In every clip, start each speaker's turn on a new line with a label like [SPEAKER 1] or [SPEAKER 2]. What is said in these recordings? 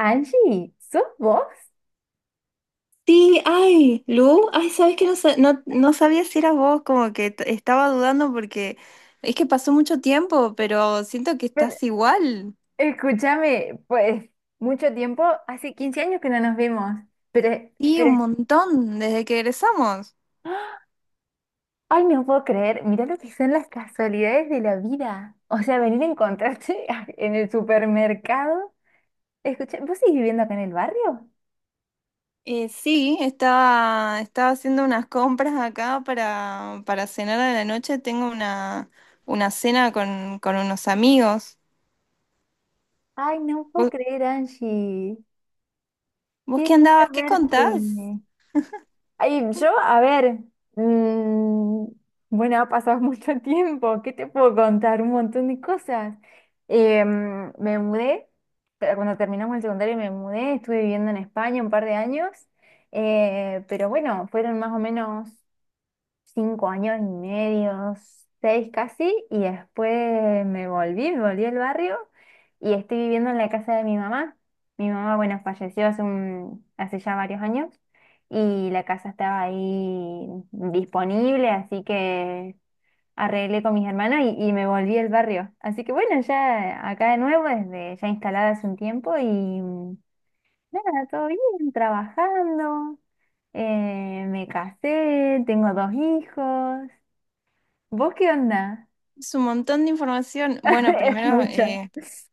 [SPEAKER 1] Angie, ¿sos vos?
[SPEAKER 2] Sí, ay, Lu, ay, sabes que no, no, no sabía si eras vos, como que estaba dudando porque es que pasó mucho tiempo, pero siento que
[SPEAKER 1] Pero,
[SPEAKER 2] estás igual.
[SPEAKER 1] escúchame, pues mucho tiempo, hace 15 años que no nos vemos, pero,
[SPEAKER 2] Sí,
[SPEAKER 1] pero,
[SPEAKER 2] un montón, desde que egresamos.
[SPEAKER 1] ay, no puedo creer, mira lo que son las casualidades de la vida. O sea, venir a encontrarte en el supermercado. Escucha, ¿vos seguís viviendo acá en el barrio?
[SPEAKER 2] Sí, estaba haciendo unas compras acá para cenar a la noche. Una cena con unos amigos.
[SPEAKER 1] Ay, no puedo
[SPEAKER 2] ¿Vos,
[SPEAKER 1] creer, Angie.
[SPEAKER 2] vos
[SPEAKER 1] Qué
[SPEAKER 2] qué
[SPEAKER 1] lindo
[SPEAKER 2] andabas? ¿Qué contás?
[SPEAKER 1] verte. Ay, yo, a ver, mm, bueno, ha pasado mucho tiempo, ¿qué te puedo contar? Un montón de cosas. Me mudé, pero cuando terminamos el secundario me mudé, estuve viviendo en España un par de años, pero bueno, fueron más o menos cinco años y medio, seis casi, y después me volví al barrio y estoy viviendo en la casa de mi mamá. Mi mamá, bueno, falleció hace ya varios años y la casa estaba ahí disponible, así que arreglé con mis hermanos y me volví al barrio. Así que bueno, ya acá de nuevo, desde ya instalada hace un tiempo y nada, todo bien, trabajando. Me casé, tengo dos hijos. ¿Vos qué onda?
[SPEAKER 2] Es un montón de información. Bueno,
[SPEAKER 1] Es
[SPEAKER 2] primero,
[SPEAKER 1] mucha.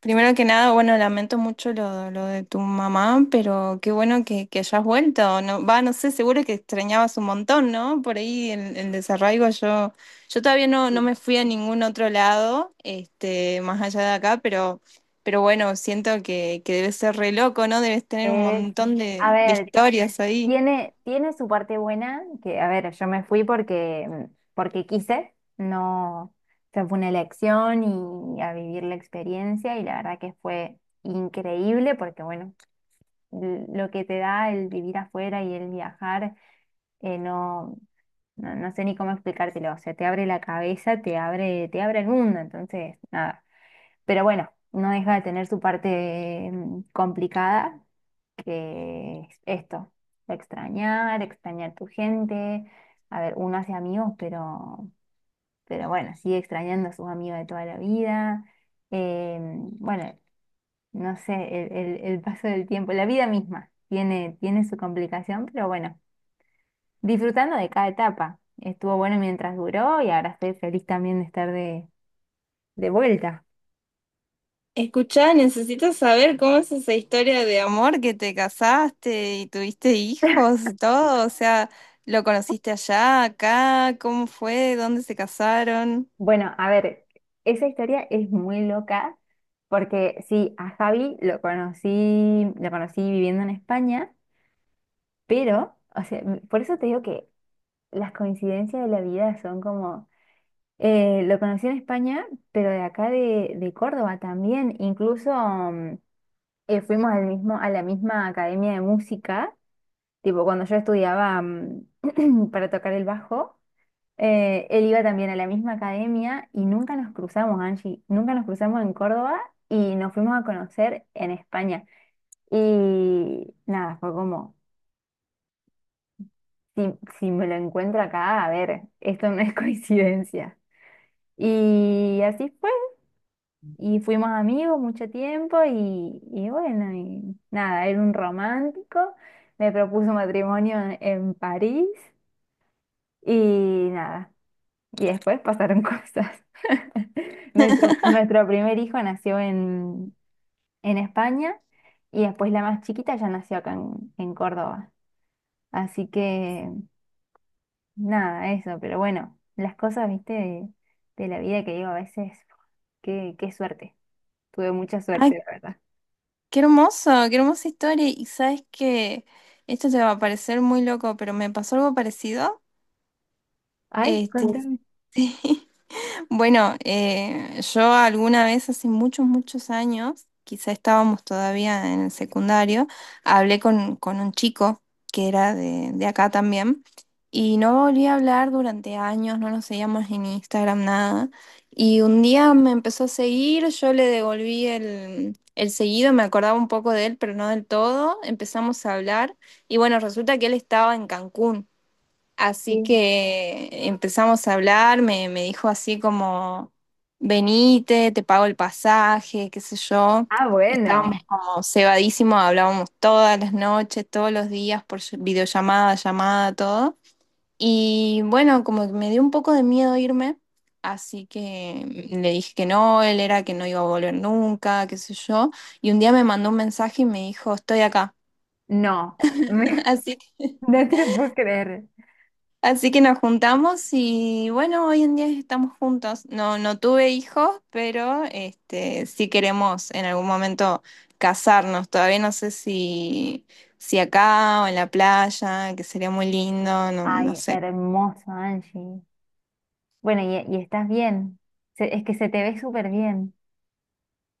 [SPEAKER 2] primero que nada, bueno, lamento mucho lo de tu mamá, pero qué bueno que hayas vuelto. No, va, no sé, seguro que extrañabas un montón, ¿no? Por ahí el desarraigo, yo todavía no, no me fui a ningún otro lado, este, más allá de acá, pero bueno, siento que debes ser re loco, ¿no? Debes tener un
[SPEAKER 1] Es,
[SPEAKER 2] montón
[SPEAKER 1] a
[SPEAKER 2] de
[SPEAKER 1] ver,
[SPEAKER 2] historias ahí.
[SPEAKER 1] tiene su parte buena, que a ver, yo me fui porque quise, no, o sea, fue una elección y a vivir la experiencia y la verdad que fue increíble porque bueno, lo que te da el vivir afuera y el viajar, no. No, no sé ni cómo explicártelo, o sea, te abre la cabeza, te abre el mundo, entonces, nada. Pero bueno, no deja de tener su parte complicada, que es esto, extrañar, extrañar tu gente. A ver, uno hace amigos, pero bueno, sigue extrañando a sus amigos de toda la vida. Bueno, no sé, el paso del tiempo, la vida misma tiene su complicación, pero bueno disfrutando de cada etapa. Estuvo bueno mientras duró y ahora estoy feliz también de estar de vuelta.
[SPEAKER 2] Escuchá, necesito saber cómo es esa historia de amor que te casaste y tuviste hijos y todo. O sea, ¿lo conociste allá, acá? ¿Cómo fue? ¿Dónde se casaron?
[SPEAKER 1] Bueno, a ver, esa historia es muy loca porque sí, a Javi lo conocí viviendo en España, pero, o sea, por eso te digo que las coincidencias de la vida son como, lo conocí en España, pero de acá de Córdoba también, incluso fuimos al mismo, a la misma academia de música. Tipo, cuando yo estudiaba para tocar el bajo, él iba también a la misma academia y nunca nos cruzamos, Angie. Nunca nos cruzamos en Córdoba y nos fuimos a conocer en España. Y nada, fue como, si, si me lo encuentro acá, a ver, esto no es coincidencia. Y así fue. Y fuimos amigos mucho tiempo y bueno, y nada, era un romántico. Me propuso matrimonio en París. Y nada. Y después pasaron cosas. Nuestro primer hijo nació en España y después la más chiquita ya nació acá en Córdoba. Así que nada, eso, pero bueno, las cosas, viste, de la vida que digo a veces, qué suerte. Tuve mucha
[SPEAKER 2] Ay,
[SPEAKER 1] suerte, la verdad.
[SPEAKER 2] qué hermoso, qué hermosa historia. Y sabes que esto te va a parecer muy loco, pero me pasó algo parecido.
[SPEAKER 1] Ay,
[SPEAKER 2] Este,
[SPEAKER 1] contame.
[SPEAKER 2] sí. Bueno, yo alguna vez hace muchos, muchos años, quizá estábamos todavía en el secundario, hablé con un chico que era de acá también y no volví a hablar durante años, no nos seguíamos en Instagram, nada. Y un día me empezó a seguir, yo le devolví el seguido, me acordaba un poco de él, pero no del todo, empezamos a hablar y bueno, resulta que él estaba en Cancún. Así
[SPEAKER 1] Sí.
[SPEAKER 2] que empezamos a hablar, me dijo así como, venite, te pago el pasaje, qué sé yo.
[SPEAKER 1] Ah,
[SPEAKER 2] Estábamos
[SPEAKER 1] bueno,
[SPEAKER 2] como cebadísimos, hablábamos todas las noches, todos los días por videollamada, llamada, todo. Y bueno, como que me dio un poco de miedo irme, así que le dije que no, él era que no iba a volver nunca, qué sé yo. Y un día me mandó un mensaje y me dijo, estoy acá.
[SPEAKER 1] no, no
[SPEAKER 2] Así,
[SPEAKER 1] te lo puedo creer.
[SPEAKER 2] así que nos juntamos y bueno, hoy en día estamos juntos. No, no tuve hijos, pero este, sí queremos en algún momento casarnos. Todavía no sé si, si acá o en la playa, que sería muy lindo, no, no
[SPEAKER 1] Ay,
[SPEAKER 2] sé.
[SPEAKER 1] hermoso, Angie. Bueno, y estás bien. Es que se te ve súper bien.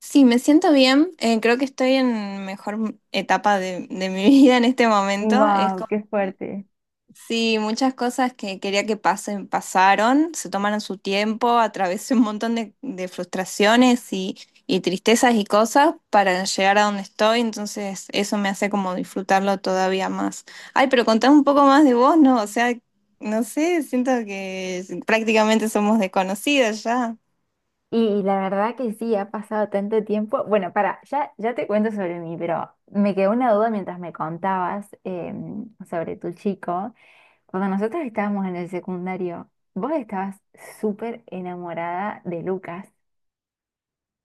[SPEAKER 2] Sí, me siento bien. Creo que estoy en mejor etapa de mi vida en este momento. Es
[SPEAKER 1] Wow, qué fuerte.
[SPEAKER 2] sí, muchas cosas que quería que pasen, pasaron, se tomaron su tiempo, atravesé un montón de frustraciones y tristezas y cosas para llegar a donde estoy, entonces eso me hace como disfrutarlo todavía más. Ay, pero contame un poco más de vos, ¿no? O sea, no sé, siento que prácticamente somos desconocidas ya.
[SPEAKER 1] Y, la verdad que sí, ha pasado tanto tiempo. Bueno, para, ya te cuento sobre mí, pero me quedó una duda mientras me contabas sobre tu chico. Cuando nosotros estábamos en el secundario, vos estabas súper enamorada de Lucas.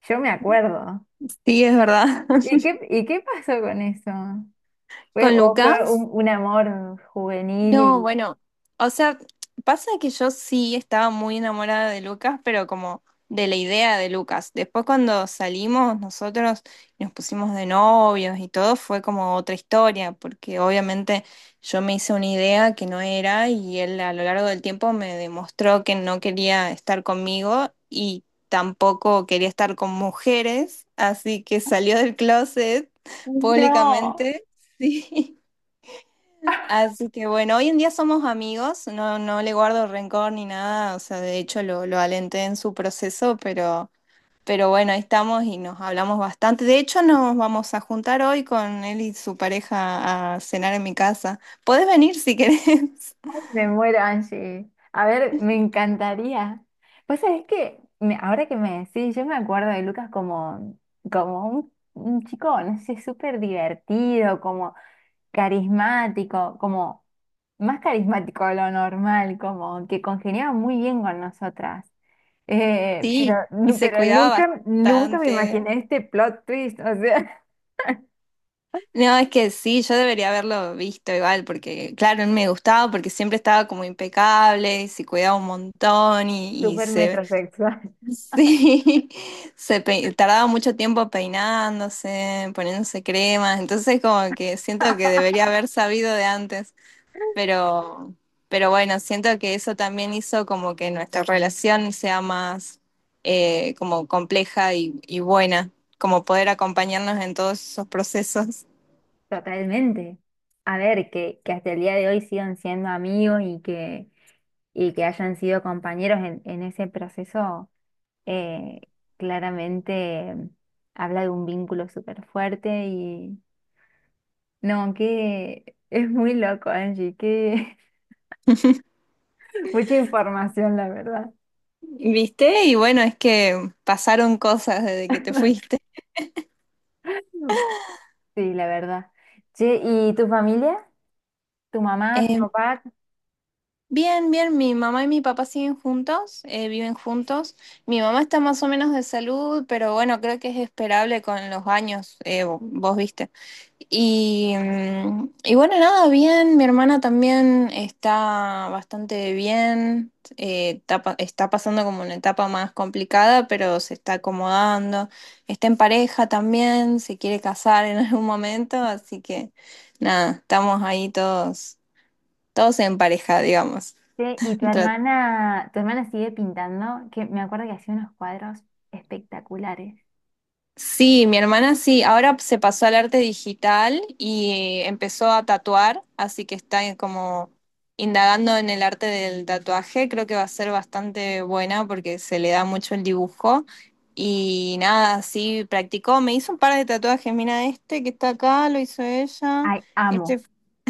[SPEAKER 1] Yo me acuerdo.
[SPEAKER 2] Sí, es verdad.
[SPEAKER 1] ¿Y qué pasó con eso? ¿Fue,
[SPEAKER 2] ¿Con
[SPEAKER 1] o fue
[SPEAKER 2] Lucas?
[SPEAKER 1] un amor juvenil
[SPEAKER 2] No,
[SPEAKER 1] y...
[SPEAKER 2] bueno, o sea, pasa que yo sí estaba muy enamorada de Lucas, pero como de la idea de Lucas. Después cuando salimos nosotros y nos pusimos de novios y todo, fue como otra historia, porque obviamente yo me hice una idea que no era y él a lo largo del tiempo me demostró que no quería estar conmigo y tampoco quería estar con mujeres, así que salió del closet
[SPEAKER 1] No.
[SPEAKER 2] públicamente. Sí. Así que bueno, hoy en día somos amigos, no, no le guardo rencor ni nada, o sea, de hecho lo alenté en su proceso, pero bueno, ahí estamos y nos hablamos bastante. De hecho, nos vamos a juntar hoy con él y su pareja a cenar en mi casa. Podés venir si querés.
[SPEAKER 1] Me muero, Angie. A ver, me encantaría. Pues sabés que me- ahora que me decís, yo me acuerdo de Lucas como un chico, no sé, súper divertido, como carismático, como más carismático de lo normal, como que congeniaba muy bien con nosotras. Pero,
[SPEAKER 2] Sí, y se
[SPEAKER 1] pero
[SPEAKER 2] cuidaba
[SPEAKER 1] nunca me
[SPEAKER 2] bastante.
[SPEAKER 1] imaginé este plot twist, o sea,
[SPEAKER 2] No, es que sí, yo debería haberlo visto igual, porque claro, él me gustaba porque siempre estaba como impecable, y se cuidaba un montón y
[SPEAKER 1] súper
[SPEAKER 2] se...
[SPEAKER 1] metrosexual.
[SPEAKER 2] Sí, se tardaba mucho tiempo peinándose, poniéndose cremas, entonces como que siento que debería haber sabido de antes, pero, pero bueno, siento que eso también hizo como que nuestra relación sea más como compleja y buena, como poder acompañarnos en todos esos procesos.
[SPEAKER 1] Totalmente. A ver, que hasta el día de hoy sigan siendo amigos y que hayan sido compañeros en ese proceso, eh, claramente habla de un vínculo súper fuerte y no, que es muy loco, Angie, que mucha información, la verdad.
[SPEAKER 2] ¿Viste? Y bueno, es que pasaron cosas desde que te fuiste.
[SPEAKER 1] Sí, la verdad. Che, ¿y tu familia? ¿Tu mamá, tu
[SPEAKER 2] Em,
[SPEAKER 1] papá?
[SPEAKER 2] bien, bien, mi mamá y mi papá siguen juntos, viven juntos. Mi mamá está más o menos de salud, pero bueno, creo que es esperable con los años, vos viste. Y, y bueno, nada, bien, mi hermana también está bastante bien, está, está pasando como una etapa más complicada, pero se está acomodando, está en pareja también, se quiere casar en algún momento, así que nada, estamos ahí todos, todos en pareja, digamos.
[SPEAKER 1] Che, ¿y tu
[SPEAKER 2] Tra-
[SPEAKER 1] hermana? ¿Tu hermana sigue pintando? Que me acuerdo que hacía unos cuadros espectaculares.
[SPEAKER 2] Sí, mi hermana sí, ahora se pasó al arte digital y empezó a tatuar, así que está en como indagando en el arte del tatuaje, creo que va a ser bastante buena porque se le da mucho el dibujo y nada, sí, practicó, me hizo un par de tatuajes, mira este que está acá, lo hizo ella,
[SPEAKER 1] Ay,
[SPEAKER 2] este,
[SPEAKER 1] amo,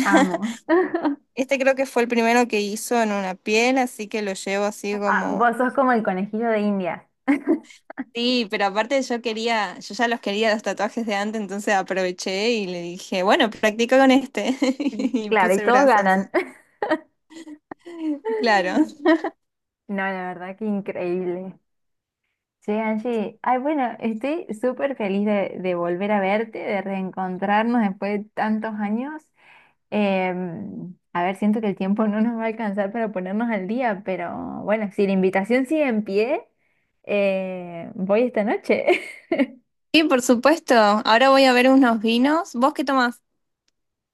[SPEAKER 1] amo.
[SPEAKER 2] este creo que fue el primero que hizo en una piel, así que lo llevo así
[SPEAKER 1] Ah,
[SPEAKER 2] como
[SPEAKER 1] vos sos como el conejillo de India.
[SPEAKER 2] sí, pero aparte yo quería, yo ya los quería los tatuajes de antes, entonces aproveché y le dije, bueno, practica con este. Y
[SPEAKER 1] Claro, y
[SPEAKER 2] puse el
[SPEAKER 1] todos
[SPEAKER 2] brazo así.
[SPEAKER 1] ganan.
[SPEAKER 2] Claro.
[SPEAKER 1] No, la verdad que increíble. Che, Angie, ay, bueno, estoy súper feliz de volver a verte, de reencontrarnos después de tantos años. A ver, siento que el tiempo no nos va a alcanzar para ponernos al día, pero bueno, si la invitación sigue en pie, voy esta noche.
[SPEAKER 2] Sí, por supuesto. Ahora voy a ver unos vinos. ¿Vos qué tomás?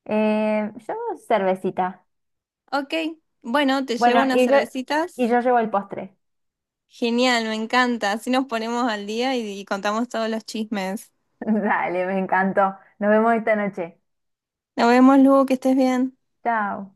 [SPEAKER 1] Yo cervecita.
[SPEAKER 2] Ok. Bueno, te
[SPEAKER 1] Bueno,
[SPEAKER 2] llevo unas
[SPEAKER 1] y yo, y
[SPEAKER 2] cervecitas.
[SPEAKER 1] yo llevo el postre.
[SPEAKER 2] Genial, me encanta. Así nos ponemos al día y contamos todos los chismes.
[SPEAKER 1] Dale, me encantó. Nos vemos esta noche.
[SPEAKER 2] Nos vemos, Lu, que estés bien.
[SPEAKER 1] Chao.